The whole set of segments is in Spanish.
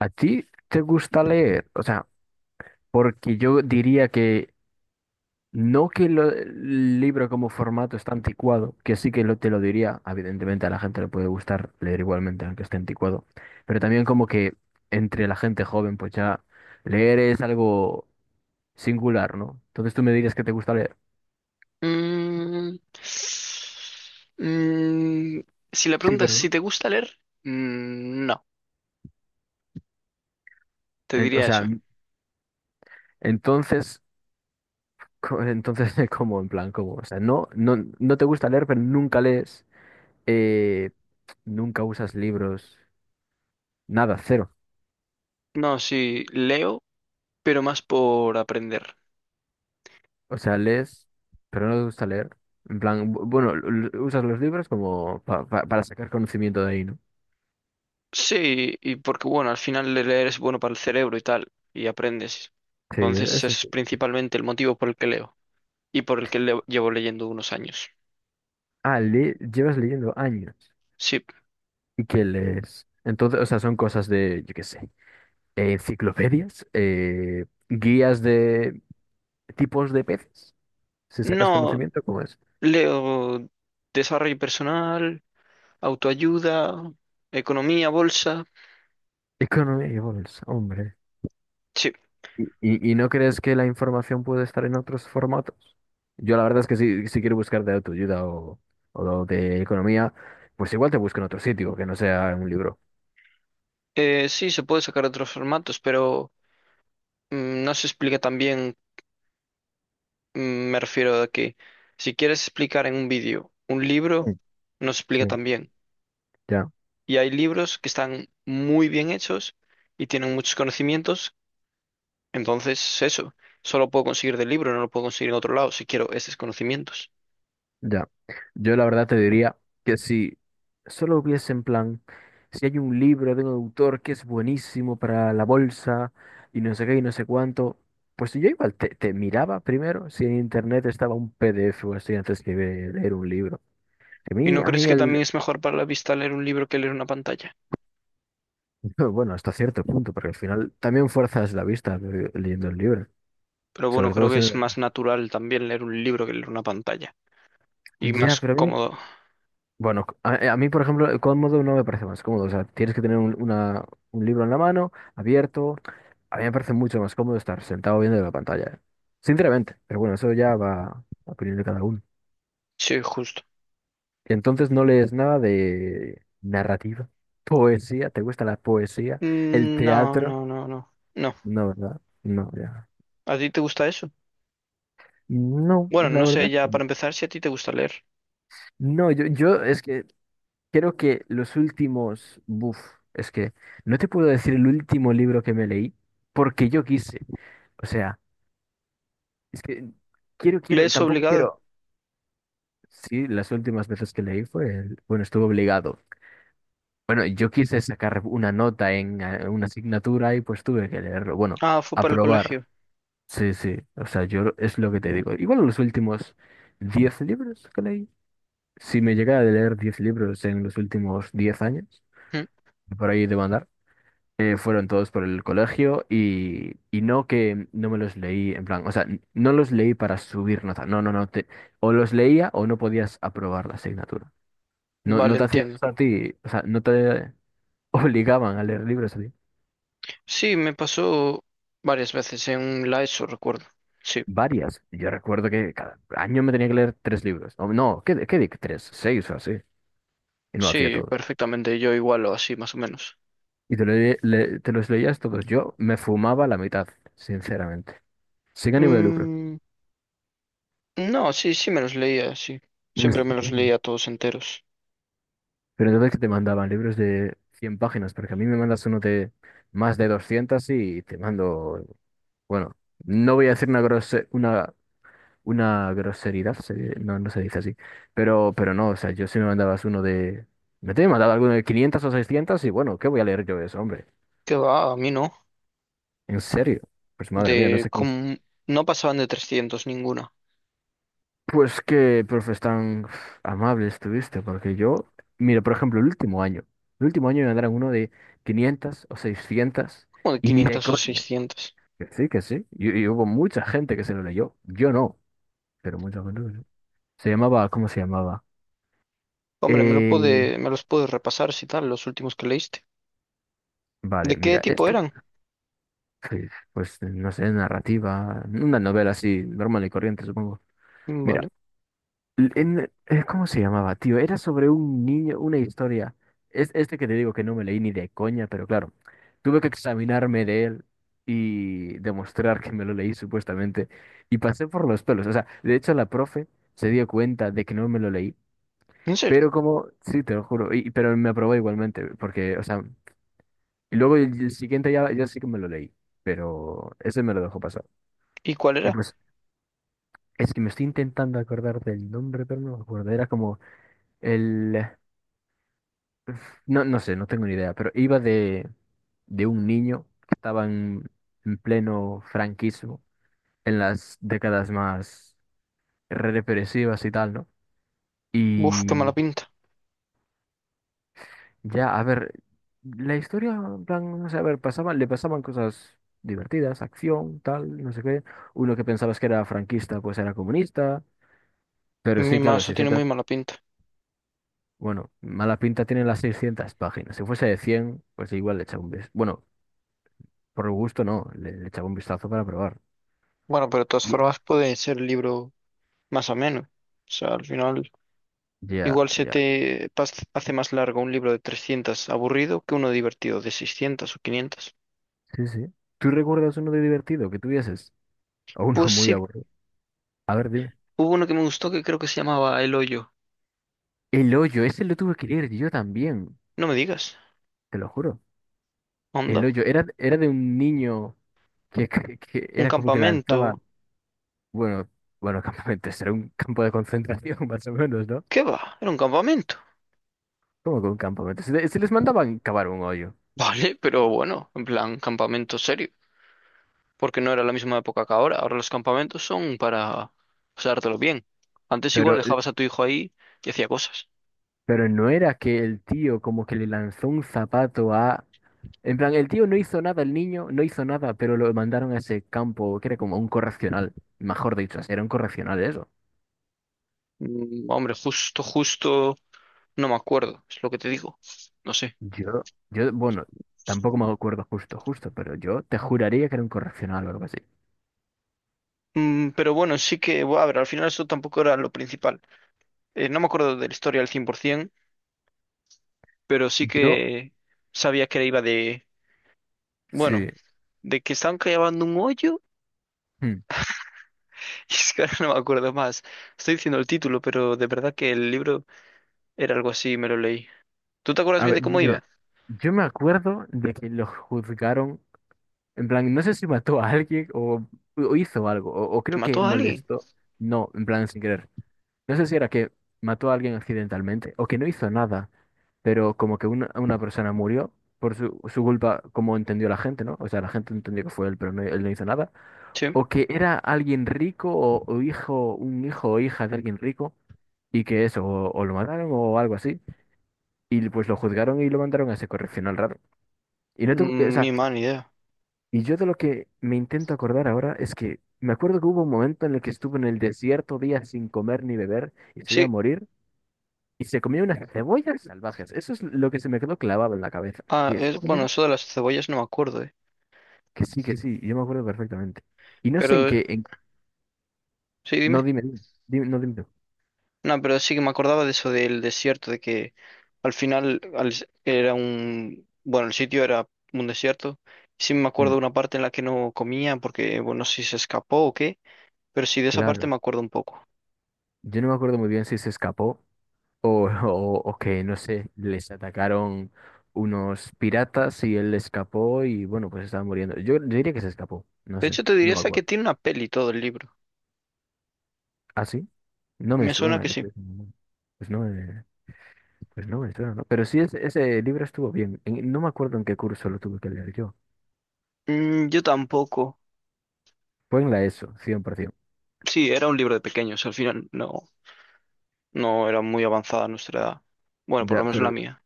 ¿A ti te gusta leer? O sea, porque yo diría que no que el libro como formato está anticuado, que sí que te lo diría, evidentemente a la gente le puede gustar leer igualmente, aunque esté anticuado, pero también como que entre la gente joven, pues ya leer es algo singular, ¿no? Entonces tú me dirías que te gusta leer. Mm, mm, si la Sí, pregunta es pero si no. te gusta leer, no, te O diría sea, eso. Entonces, entonces, ¿cómo? En plan, ¿cómo? O sea, no, no, no te gusta leer, pero nunca lees, eh, nunca usas libros. Nada, cero. No, sí, leo, pero más por aprender. O sea, lees, pero no te gusta leer. En plan, bueno, usas los libros como para sacar conocimiento de ahí, ¿no? Sí, y porque bueno, al final leer es bueno para el cerebro y tal, y aprendes. Sí, Entonces ese eso es sí. principalmente el motivo por el que leo y por el que llevo leyendo unos años. Ah, llevas leyendo años. Sí, ¿Y qué lees? Entonces, o sea, son cosas de, yo qué sé, enciclopedias, guías de tipos de peces. Si sacas no conocimiento, ¿cómo es? leo desarrollo personal, autoayuda, economía, bolsa. Economía y bolsa, hombre. Sí, ¿Y no crees que la información puede estar en otros formatos? Yo la verdad es que si quiero buscar de autoayuda o de economía, pues igual te busco en otro sitio que no sea en un libro. Sí, se puede sacar otros formatos, pero no se explica tan bien. mm, me refiero a que si quieres explicar en un vídeo un libro, Mm, no se explica sí. tan bien. Ya, Y hay libros que están muy bien hechos y tienen muchos conocimientos. Entonces, eso, solo puedo conseguir del libro, no lo puedo conseguir en otro lado si quiero esos conocimientos. ya. Yo la verdad te diría que si solo hubiese en plan, si hay un libro de un autor que es buenísimo para la bolsa y no sé qué y no sé cuánto, pues yo igual te miraba primero si en internet estaba un PDF o así antes que leer un libro. ¿Y no A crees mí que el, también es mejor para la vista leer un libro que leer una pantalla? bueno, hasta cierto punto, porque al final también fuerzas la vista leyendo el libro, Pero bueno, sobre creo todo que si no... es más natural también leer un libro que leer una pantalla. Y Ya, más pero a mí, cómodo. bueno, a mí, por ejemplo, el cómodo no me parece más cómodo, o sea, tienes que tener un libro en la mano, abierto, a mí me parece mucho más cómodo estar sentado viendo la pantalla. Sinceramente, pero bueno, eso ya va a opinión de cada uno. Sí, justo. Entonces no lees nada de narrativa, poesía, ¿te gusta la poesía? ¿El Mm, no, teatro? no, no, no. No. No, ¿verdad? No, ya. ¿A ti te gusta eso? No, Bueno, la no sé verdad. ya No, para empezar si a ti te gusta leer. no, yo es que creo que los últimos, es que no te puedo decir el último libro que me leí porque yo quise. O sea, es que quiero, quiero, ¿Lees tampoco obligado? quiero. Sí, las últimas veces que leí fue, bueno, estuve obligado. Bueno, yo quise sacar una nota en una asignatura y pues tuve que leerlo. Bueno, Ah, fue para el aprobar. colegio. Sí, sí. O sea, yo es lo que te digo. Igual los últimos 10 libros que leí. Si me llegara a leer 10 libros en los últimos 10 años, Mm, por ahí de mandar fueron todos por el colegio y no que no me los leí en plan, o sea, no los leí para subir nota, no, no, no, o los leía o no podías aprobar la asignatura. No, no vale, te hacían entiendo. eso a ti, o sea, no te obligaban a leer libros a ti. Sí, me pasó varias veces en la ESO, recuerdo. Sí, Varias. Yo recuerdo que cada año me tenía que leer 3 libros. O no, ¿qué di? 3, 6 o así. Y no lo hacía sí, todo. perfectamente. Yo igual o así, más o menos. Y te los leías todos. Yo me fumaba la mitad, sinceramente. Sin ánimo de lucro. Mm, no, sí, sí me los leía, sí. Siempre me los leía todos enteros. Pero entonces que te mandaban libros de 100 páginas, porque a mí me mandas uno de más de 200 y te mando, bueno, no voy a decir una una groseridad, no, no se dice así, pero no, o sea, yo si me mandabas uno de, me te he mandado alguno de 500 o 600 y bueno, ¿qué voy a leer yo de eso, hombre? Qué va, a mí no. En serio, pues madre mía, no De sé qué. como no pasaban de 300 ninguna, Pues qué profes tan amables tuviste, porque yo, mira, por ejemplo, el último año me mandaron uno de 500 o 600 como de y ni de quinientos o coña. seiscientos. Que sí, que sí. Y hubo mucha gente que se lo leyó. Yo no, pero mucha gente que no. Se llamaba, ¿cómo se llamaba? Hombre, Eh, me los pude repasar si tal, los últimos que leíste. vale, ¿De qué mira, tipo este, eran? sí, pues no sé, narrativa, una novela así, normal y corriente, supongo. Mm, Mira. vale. ¿Cómo se llamaba, tío? Era sobre un niño, una historia. Es este que te digo que no me leí ni de coña, pero claro, tuve que examinarme de él y demostrar que me lo leí supuestamente. Y pasé por los pelos. O sea, de hecho la profe se dio cuenta de que no me lo leí. ¿En serio? Pero como, sí, te lo juro, pero me aprobó igualmente, porque, o sea, y luego el siguiente ya, ya sí que me lo leí, pero ese me lo dejó pasar. ¿Y cuál Y era? pues, es que me estoy intentando acordar del nombre, pero no me acuerdo. Era como el. No, no sé, no tengo ni idea, pero iba de, un niño que estaba en pleno franquismo, en las décadas más represivas y tal, ¿no? Uf, qué mala Y pinta. ya, a ver, la historia, en plan, no sé, a ver, le pasaban cosas divertidas, acción, tal, no sé qué. Uno que pensabas que era franquista, pues era comunista, pero Mi sí, claro, mazo tiene muy 600, mala pinta. bueno, mala pinta tienen las 600 páginas. Si fuese de 100 pues igual le echa un beso. Bueno, por gusto no, le echaba un vistazo para probar. Bueno, pero de todas Ye- formas puede ser libro más o menos. O sea, al final, Ya, igual se ya. te pas- hace más largo un libro de 300 aburrido que uno divertido de 600 o 500. Sí, sí. ¿Tú recuerdas uno de divertido que tuvieses? O uno Pues muy sí, aburrido. A ver, dime. hubo uno que me gustó que creo que se llamaba El Hoyo. El hoyo, ese lo tuve que leer yo también, No me digas, te lo juro. El onda, hoyo, era de un niño que, que un era como que lanzaba, campamento. bueno, bueno, campamentos, era un campo de concentración más o menos, ¿no? ¿Qué va? Era un campamento. Como que un campamento. Se les mandaban cavar un hoyo, Vale, pero bueno, en plan, campamento serio. Porque no era la misma época que ahora. Ahora los campamentos son para pasártelo bien. Antes igual pero eh, dejabas a tu hijo ahí y hacía cosas. pero no era que el tío como que le lanzó un zapato a... En plan, el tío no hizo nada, el niño no hizo nada, pero lo mandaron a ese campo que era como un correccional, mejor dicho, era un correccional eso. Mm, hombre, justo, justo. No me acuerdo, es lo que te digo. No sé. Yo, bueno, tampoco me acuerdo justo, justo, pero yo te juraría que era un correccional o algo así. Mm, pero bueno, sí que, bueno, a ver, al final eso tampoco era lo principal. No me acuerdo de la historia al 100%, pero sí Yo, que sabía que iba de, bueno, sí. de que estaban cavando un hoyo. Hmm. Es que ahora no me acuerdo más. Estoy diciendo el título, pero de verdad que el libro era algo así, me lo leí. ¿Tú te acuerdas A bien de ver, cómo mira, iba? yo me acuerdo de que lo juzgaron, en plan, no sé si mató a alguien o hizo algo, o ¿Que creo que mató a alguien? molestó. No, en plan, sin querer. No sé si era que mató a alguien accidentalmente o que no hizo nada, pero como que una persona murió por su culpa, como entendió la gente, ¿no? O sea, la gente entendió que fue él, pero no, él no hizo nada. Sí. O que era alguien rico o un hijo o hija de alguien rico y que eso, o lo mataron o algo así. Y pues lo juzgaron y lo mandaron a ese correccional raro. Y no o Mm, sea, ni mala idea. y yo de lo que me intento acordar ahora es que me acuerdo que hubo un momento en el que estuvo en el desierto días sin comer ni beber y se iba a Sí, morir. Y se comió unas cebollas salvajes. Eso es lo que se me quedó clavado en la cabeza. ah, ¿Y es, estaba bueno, comiendo? eso de las cebollas no me acuerdo, eh. Que sí, que sí. Yo me acuerdo perfectamente. Y no sé en Pero qué. Sí, No, dime. dime, dime, no, dime tú. No, pero sí que me acordaba de eso del desierto, de que al final al- era un... Bueno, el sitio era un desierto. Sí me acuerdo Mm, de una parte en la que no comía porque, bueno, no sé si se escapó o qué, pero sí de esa parte claro. me acuerdo un poco. Yo no me acuerdo muy bien si se escapó o que, no sé, les atacaron unos piratas y él escapó y, bueno, pues estaba muriendo. Yo diría que se escapó. No De sé. hecho, te No diría me hasta que acuerdo. tiene una peli todo el libro. ¿Ah, sí? No me Me suena suena. que sí. Pues no me. Pues no, me suena, ¿no? Pero sí, ese libro estuvo bien. No me acuerdo en qué curso lo tuve que leer yo. Mm, yo tampoco. Fue en la ESO, 100%. Sí, era un libro de pequeños, al final no, no era muy avanzada nuestra edad. Bueno, por Ya, lo menos pero, la mía.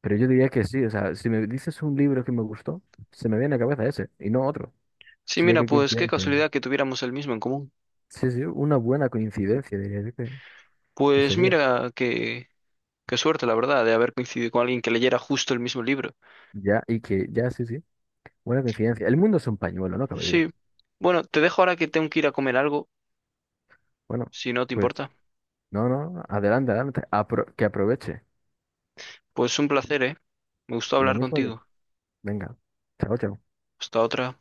pero yo diría que sí. O sea, si me dices un libro que me gustó, se me viene a la cabeza ese y no otro. Sí, Así que mira, qué pues qué coincidencia. casualidad que tuviéramos el mismo en común. Sí, sí, una buena coincidencia, diría yo que Pues sería. mira que... Qué suerte, la verdad, de haber coincidido con alguien que leyera justo el mismo libro. Ya, y que, ya, sí, sí. Buena coincidencia. El mundo es un pañuelo, no cabe Sí. duda. Bueno, te dejo ahora que tengo que ir a comer algo, Bueno, si no te pues, importa. no, no, adelante, adelante. Que aproveche. Pues un placer, ¿eh? Me gustó Lo hablar mismo de. contigo. Venga. Chao, chao. Hasta otra.